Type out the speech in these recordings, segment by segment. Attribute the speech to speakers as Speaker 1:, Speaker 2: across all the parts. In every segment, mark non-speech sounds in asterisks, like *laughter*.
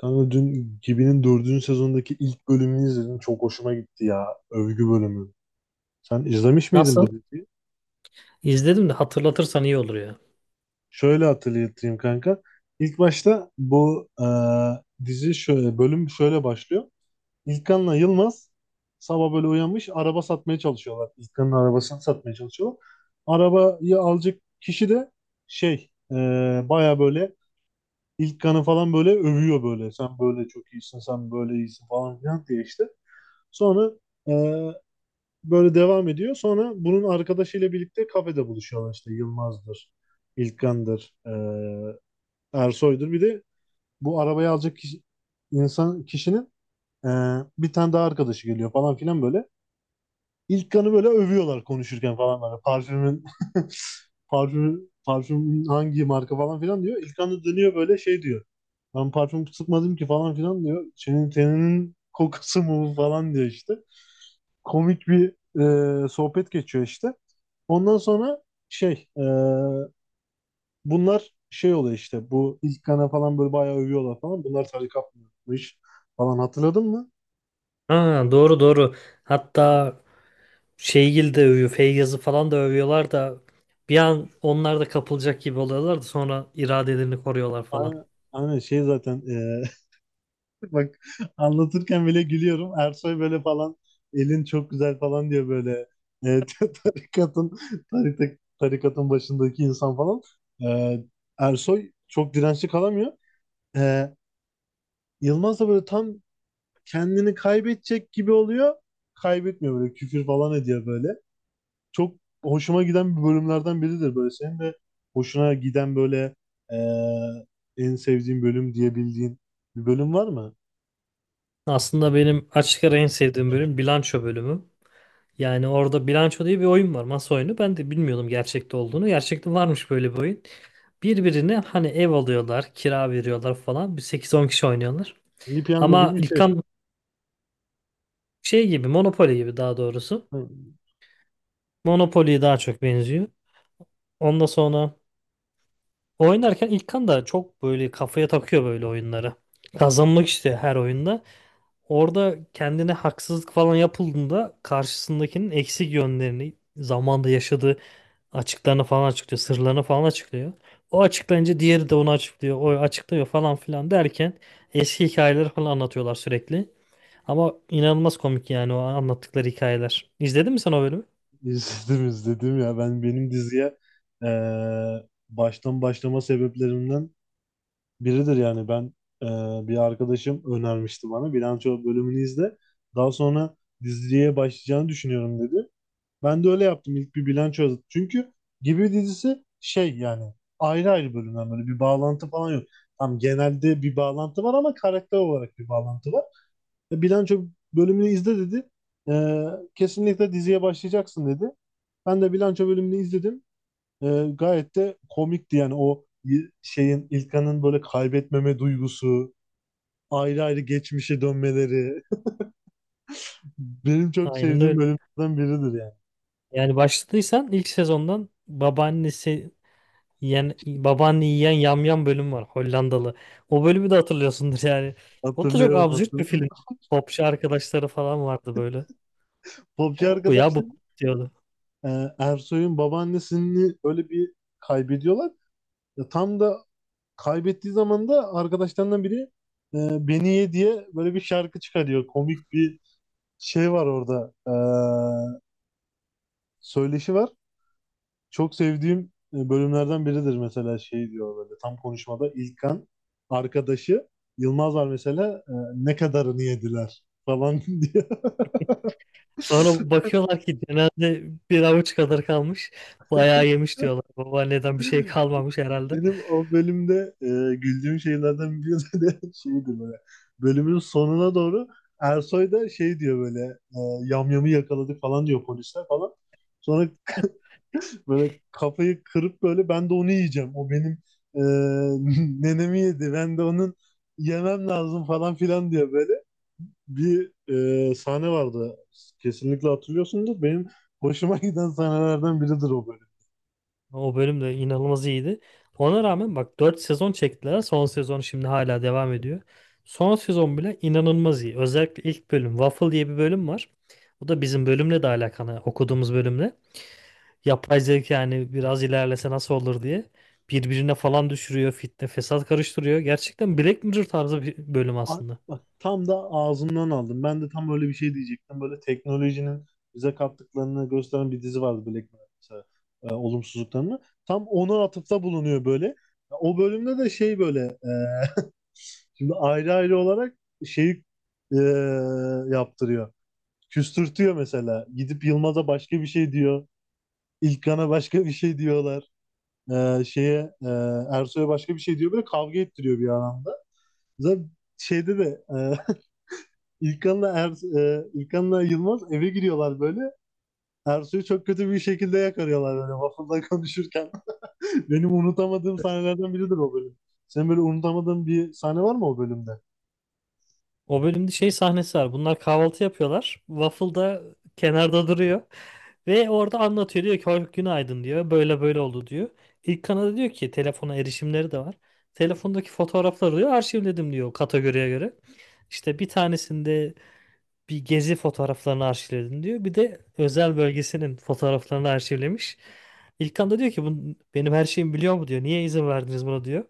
Speaker 1: Kanka dün Gibi'nin dördüncü sezondaki ilk bölümünü izledim. Çok hoşuma gitti ya. Övgü bölümü. Sen izlemiş miydin
Speaker 2: Nasıl?
Speaker 1: bu diziyi?
Speaker 2: İzledim de hatırlatırsan iyi olur ya.
Speaker 1: Şöyle hatırlatayım kanka. İlk başta bu dizi şöyle, bölüm şöyle başlıyor. İlkan'la Yılmaz sabah böyle uyanmış araba satmaya çalışıyorlar. İlkan'ın arabasını satmaya çalışıyorlar. Arabayı alacak kişi de şey e, baya böyle İlkan'ı falan böyle övüyor böyle. Sen böyle çok iyisin, sen böyle iyisin falan filan diye işte. Sonra e, böyle devam ediyor. Sonra bunun arkadaşıyla birlikte kafede buluşuyorlar işte Yılmaz'dır, İlkan'dır, Ersoy'dur. Bir de bu arabayı alacak kişi, insan kişinin e, bir tane daha arkadaşı geliyor falan filan böyle. İlk böyle övüyorlar konuşurken falan böyle. Parfümün *laughs* parfümün hangi marka falan filan diyor. İlkan da dönüyor böyle şey diyor. Ben parfüm sıkmadım ki falan filan diyor. Senin teninin kokusu mu bu?" falan diyor işte. Komik bir sohbet geçiyor işte. Ondan sonra şey e, bunlar şey oluyor işte bu İlkan'a falan böyle bayağı övüyorlar falan. Bunlar tarikatmış falan, hatırladın mı?
Speaker 2: Ha, doğru doğru. Hatta Şeygil de övüyor, Feyyaz'ı falan da övüyorlar da bir an onlar da kapılacak gibi oluyorlar da sonra iradelerini koruyorlar falan.
Speaker 1: Aynen, aynen şey zaten. Bak, anlatırken bile gülüyorum. Ersoy böyle falan elin çok güzel falan diyor böyle. E, *laughs* tarikatın tarikatın başındaki insan falan. E, Ersoy çok dirençli kalamıyor. E, Yılmaz da böyle tam kendini kaybedecek gibi oluyor. Kaybetmiyor, böyle küfür falan ediyor böyle. Çok hoşuma giden bir bölümlerden biridir böyle. Senin de hoşuna giden böyle e, en sevdiğin bölüm diyebildiğin bir bölüm var mı?
Speaker 2: Aslında benim açık ara en sevdiğim bölüm bilanço bölümü. Yani orada bilanço diye bir oyun var, masa oyunu. Ben de bilmiyordum gerçekte olduğunu. Gerçekte varmış böyle bir oyun. Birbirine hani ev alıyorlar, kira veriyorlar falan. Bir sekiz on kişi oynuyorlar.
Speaker 1: Milli Piyango gibi
Speaker 2: Ama
Speaker 1: bir şey.
Speaker 2: İlkan şey gibi, Monopoly gibi daha doğrusu.
Speaker 1: Hı.
Speaker 2: Monopoly'ye daha çok benziyor. Ondan sonra oynarken İlkan da çok böyle kafaya takıyor böyle oyunları. Kazanmak istiyor her oyunda. Orada kendine haksızlık falan yapıldığında karşısındakinin eksik yönlerini, zamanda yaşadığı açıklarını falan açıklıyor, sırlarını falan açıklıyor. O açıklayınca diğeri de onu açıklıyor, o açıklıyor falan filan derken eski hikayeleri falan anlatıyorlar sürekli. Ama inanılmaz komik yani o anlattıkları hikayeler. İzledin mi sen o bölümü?
Speaker 1: İzledim izledim ya, ben benim diziye baştan başlama sebeplerimden biridir yani. Ben, bir arkadaşım önermişti, bana bilanço bölümünü izle daha sonra diziye başlayacağını düşünüyorum dedi. Ben de öyle yaptım, ilk bir bilanço yazdım çünkü Gibi dizisi şey yani ayrı ayrı bölümler, böyle bir bağlantı falan yok. Tam genelde bir bağlantı var ama karakter olarak bir bağlantı var. Bilanço bölümünü izle dedi. E, kesinlikle diziye başlayacaksın dedi. Ben de bilanço bölümünü izledim. E, gayet de komikti yani o şeyin İlkan'ın böyle kaybetmeme duygusu, ayrı ayrı geçmişe dönmeleri. *laughs* Benim çok
Speaker 2: Aynen
Speaker 1: sevdiğim
Speaker 2: öyle.
Speaker 1: bölümlerden biridir yani.
Speaker 2: Yani başladıysan ilk sezondan babaannesi yiyen, babaanne yiyen yamyam bölüm var, Hollandalı. O bölümü de hatırlıyorsundur yani. O da çok
Speaker 1: Hatırlıyorum
Speaker 2: absürt bir film.
Speaker 1: hatırlıyorum.
Speaker 2: Popçu arkadaşları falan vardı böyle.
Speaker 1: Popçu
Speaker 2: Pop bu ya, bu
Speaker 1: arkadaşlar.
Speaker 2: pop diyordu.
Speaker 1: e, Ersoy'un babaannesini öyle bir kaybediyorlar. Tam da kaybettiği zaman da arkadaşlarından biri beni ye diye böyle bir şarkı çıkarıyor. Komik bir şey var orada. Söyleşi var. Çok sevdiğim bölümlerden biridir mesela şey diyor böyle tam konuşmada İlkan, arkadaşı Yılmaz var mesela, ne kadarını yediler falan *laughs* diyor.
Speaker 2: Sonra bakıyorlar ki genelde bir avuç kadar kalmış. Bayağı yemiş diyorlar. Babaanneden bir şey kalmamış herhalde.
Speaker 1: Benim o bölümde güldüğüm şeylerden biri de *laughs* şeydi böyle. Bölümün sonuna doğru Ersoy da şey diyor böyle. e, yamyamı yakaladı falan diyor polisler falan. Sonra böyle kafayı kırıp böyle ben de onu yiyeceğim. O benim e, *laughs* nenemi yedi. Ben de onun yemem lazım falan filan diyor böyle. Bir sahne vardı. Kesinlikle hatırlıyorsundur. Benim hoşuma giden sahnelerden biridir o.
Speaker 2: O bölüm de inanılmaz iyiydi. Ona rağmen bak, 4 sezon çektiler. Son sezon şimdi hala devam ediyor. Son sezon bile inanılmaz iyi. Özellikle ilk bölüm Waffle diye bir bölüm var. Bu da bizim bölümle de alakalı, okuduğumuz bölümle. Yapay zeka yani biraz ilerlese nasıl olur diye birbirine falan düşürüyor, fitne, fesat karıştırıyor. Gerçekten Black Mirror tarzı bir bölüm
Speaker 1: A-
Speaker 2: aslında.
Speaker 1: Bak tam da ağzından aldım. Ben de tam öyle bir şey diyecektim. Böyle teknolojinin bize kattıklarını gösteren bir dizi vardı Black Mirror mesela. Olumsuzluklarını. Tam ona atıfta bulunuyor böyle. O bölümde de şey böyle, *laughs* şimdi ayrı ayrı olarak şeyi e, yaptırıyor. Küstürtüyor mesela. Gidip Yılmaz'a başka bir şey diyor. İlkan'a başka bir şey diyorlar. E, şeye e, Ersoy'a başka bir şey diyor. Böyle kavga ettiriyor bir anlamda. Zaten şeyde de, *laughs* İlkan'la Yılmaz eve giriyorlar böyle. Ersoy'u çok kötü bir şekilde yakarıyorlar böyle waffle'da konuşurken. *laughs* Benim unutamadığım sahnelerden biridir o bölüm. Senin böyle unutamadığın bir sahne var mı o bölümde?
Speaker 2: O bölümde şey sahnesi var. Bunlar kahvaltı yapıyorlar. Waffle da kenarda duruyor. Ve orada anlatıyor, diyor ki "Hoş- günaydın" diyor. "Böyle böyle oldu" diyor. İlk kanada diyor ki telefona erişimleri de var. Telefondaki fotoğrafları diyor arşivledim diyor kategoriye göre. İşte bir tanesinde bir gezi fotoğraflarını arşivledim diyor. Bir de özel bölgesinin fotoğraflarını arşivlemiş. İlkan da diyor ki "Bu benim her şeyimi biliyor mu" diyor. "Niye izin verdiniz buna" diyor.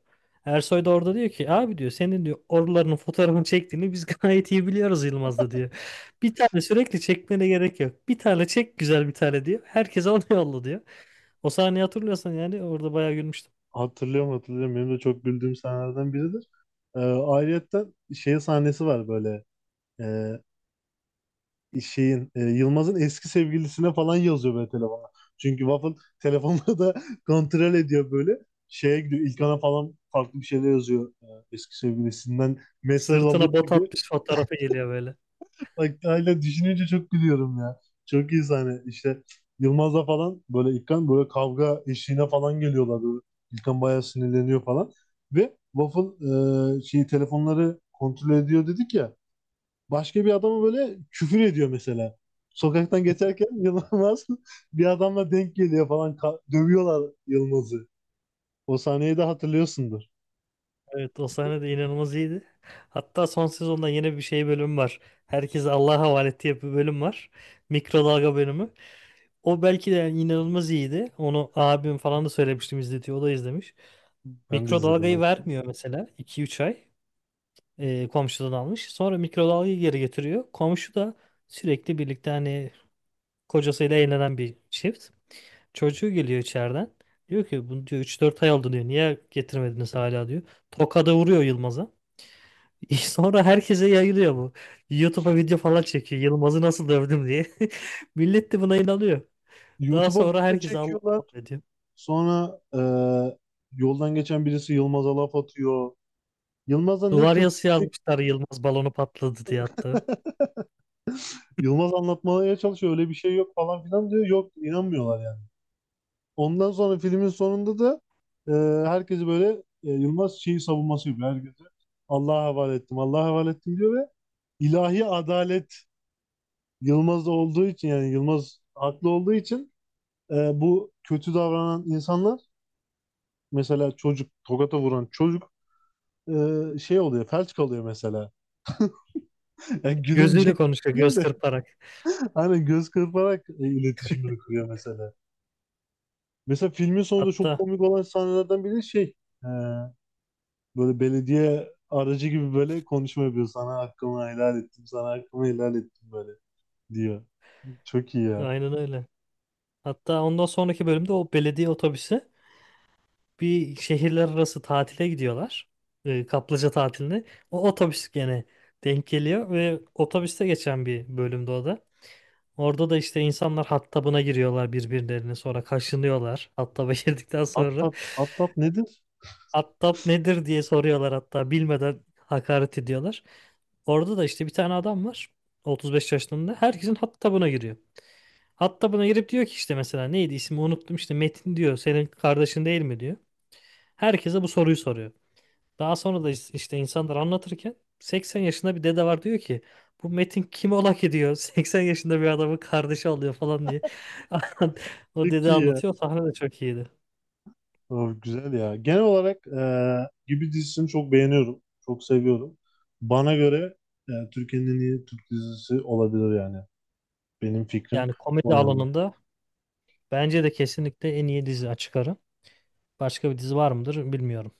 Speaker 2: Ersoy da orada diyor ki "abi" diyor "senin" diyor "oralarının fotoğrafını çektiğini biz *laughs* gayet iyi biliyoruz", Yılmaz da diyor. "Bir tane sürekli çekmene gerek yok. Bir tane çek, güzel bir tane" diyor. "Herkese onu yolla" diyor. O sahneyi hatırlıyorsan yani, orada bayağı gülmüştüm.
Speaker 1: Hatırlıyorum hatırlıyorum. Benim de çok güldüğüm sahnelerden biridir. Ayrıyetten şey sahnesi var böyle. Ee, şeyin, Yılmaz'ın eski sevgilisine falan yazıyor böyle telefona. Çünkü Waffle telefonları da *laughs* kontrol ediyor böyle. Şeye gidiyor İlkan'a falan farklı bir şeyler yazıyor, eski sevgilisinden mesaj alıyor
Speaker 2: Sırtına bot
Speaker 1: gibi.
Speaker 2: atmış fotoğrafı geliyor böyle.
Speaker 1: Bak hala düşününce çok gülüyorum ya. Çok iyi sahne. İşte Yılmaz'la falan böyle İlkan böyle kavga eşiğine falan geliyorlar böyle. İlkan bayağı sinirleniyor falan. Ve Waffle, şeyi telefonları kontrol ediyor dedik ya, başka bir adama böyle küfür ediyor mesela. Sokaktan geçerken *laughs* Yılmaz bir adamla denk geliyor falan. Dövüyorlar Yılmaz'ı. O sahneyi de hatırlıyorsundur.
Speaker 2: Evet, o sahne de inanılmaz iyiydi. Hatta son sezonda yeni bir şey bölüm var. Herkese Allah'a havale ettiği bir bölüm var. Mikrodalga bölümü. O belki de yani inanılmaz iyiydi. Onu abim falan da söylemiştim, izletiyor. O da izlemiş.
Speaker 1: Ben de izledim
Speaker 2: Mikrodalgayı
Speaker 1: maçı.
Speaker 2: vermiyor mesela, 2 üç ay komşudan almış. Sonra mikrodalgayı geri getiriyor. Komşu da sürekli birlikte hani kocasıyla eğlenen bir çift. Çocuğu geliyor içeriden. Diyor ki "bunu" diyor "üç dört ay oldu" diyor. "Niye getirmediniz hala" diyor. Tokada vuruyor Yılmaz'a. *laughs* Sonra herkese yayılıyor bu. YouTube'a video falan çekiyor. Yılmaz'ı nasıl dövdüm diye. *laughs* Millet de buna inanıyor. Daha
Speaker 1: YouTube'a
Speaker 2: sonra
Speaker 1: video
Speaker 2: herkes Allah
Speaker 1: çekiyorlar.
Speaker 2: affediyor.
Speaker 1: Sonra yoldan geçen birisi Yılmaz'a laf atıyor. Yılmaz'a ne
Speaker 2: Duvar yazısı
Speaker 1: kötülük.
Speaker 2: yazmışlar, Yılmaz balonu patladı diye hatta.
Speaker 1: Yılmaz anlatmaya çalışıyor. Öyle bir şey yok falan filan diyor. Yok inanmıyorlar yani. Ondan sonra filmin sonunda da e, herkesi böyle, Yılmaz şeyi savunması yapıyor. Herkese Allah'a havale ettim, Allah'a havale ettim diyor ve ilahi adalet Yılmaz'da olduğu için, yani Yılmaz haklı olduğu için e, bu kötü davranan insanlar, mesela çocuk, tokata vuran çocuk şey oluyor, felç kalıyor mesela. *laughs* Yani
Speaker 2: Gözüyle
Speaker 1: gülümcek
Speaker 2: konuşuyor,
Speaker 1: değil
Speaker 2: göz
Speaker 1: de
Speaker 2: kırparak.
Speaker 1: hani göz kırparak iletişimini kuruyor mesela. Mesela filmin sonunda çok
Speaker 2: Hatta
Speaker 1: komik olan sahnelerden biri şey. e, Böyle belediye aracı gibi böyle konuşma yapıyor. Sana hakkımı helal ettim, sana hakkımı helal ettim böyle diyor. Çok iyi ya.
Speaker 2: aynen öyle. Hatta ondan sonraki bölümde o belediye otobüsü, bir şehirler arası tatile gidiyorlar. Kaplıca tatiline. O otobüs gene denk geliyor ve otobüste geçen bir bölümde o da. Orada da işte insanlar hattabına giriyorlar birbirlerine, sonra kaşınıyorlar. Hattaba *laughs* girdikten
Speaker 1: At
Speaker 2: sonra
Speaker 1: tat, at tat nedir?
Speaker 2: hattab nedir diye soruyorlar, hatta bilmeden hakaret ediyorlar. Orada da işte bir tane adam var, 35 yaşlarında, herkesin hattabına giriyor. Hattabına girip diyor ki işte, mesela neydi ismi unuttum, işte "Metin" diyor "senin kardeşin değil mi" diyor. Herkese bu soruyu soruyor. Daha sonra da işte insanlar anlatırken 80 yaşında bir dede var, diyor ki "bu Metin kim ola ki" diyor, *laughs* 80 yaşında bir adamı kardeşi alıyor falan diye. *laughs* O
Speaker 1: Çok
Speaker 2: dede
Speaker 1: iyi ya.
Speaker 2: anlatıyor. O sahne de çok iyiydi.
Speaker 1: Of, güzel ya. Genel olarak Gibi dizisini çok beğeniyorum. Çok seviyorum. Bana göre Türkiye'nin en iyi Türk dizisi olabilir yani. Benim fikrim
Speaker 2: Yani
Speaker 1: o
Speaker 2: komedi
Speaker 1: yönde.
Speaker 2: alanında bence de kesinlikle en iyi dizi, açık ara. Başka bir dizi var mıdır bilmiyorum.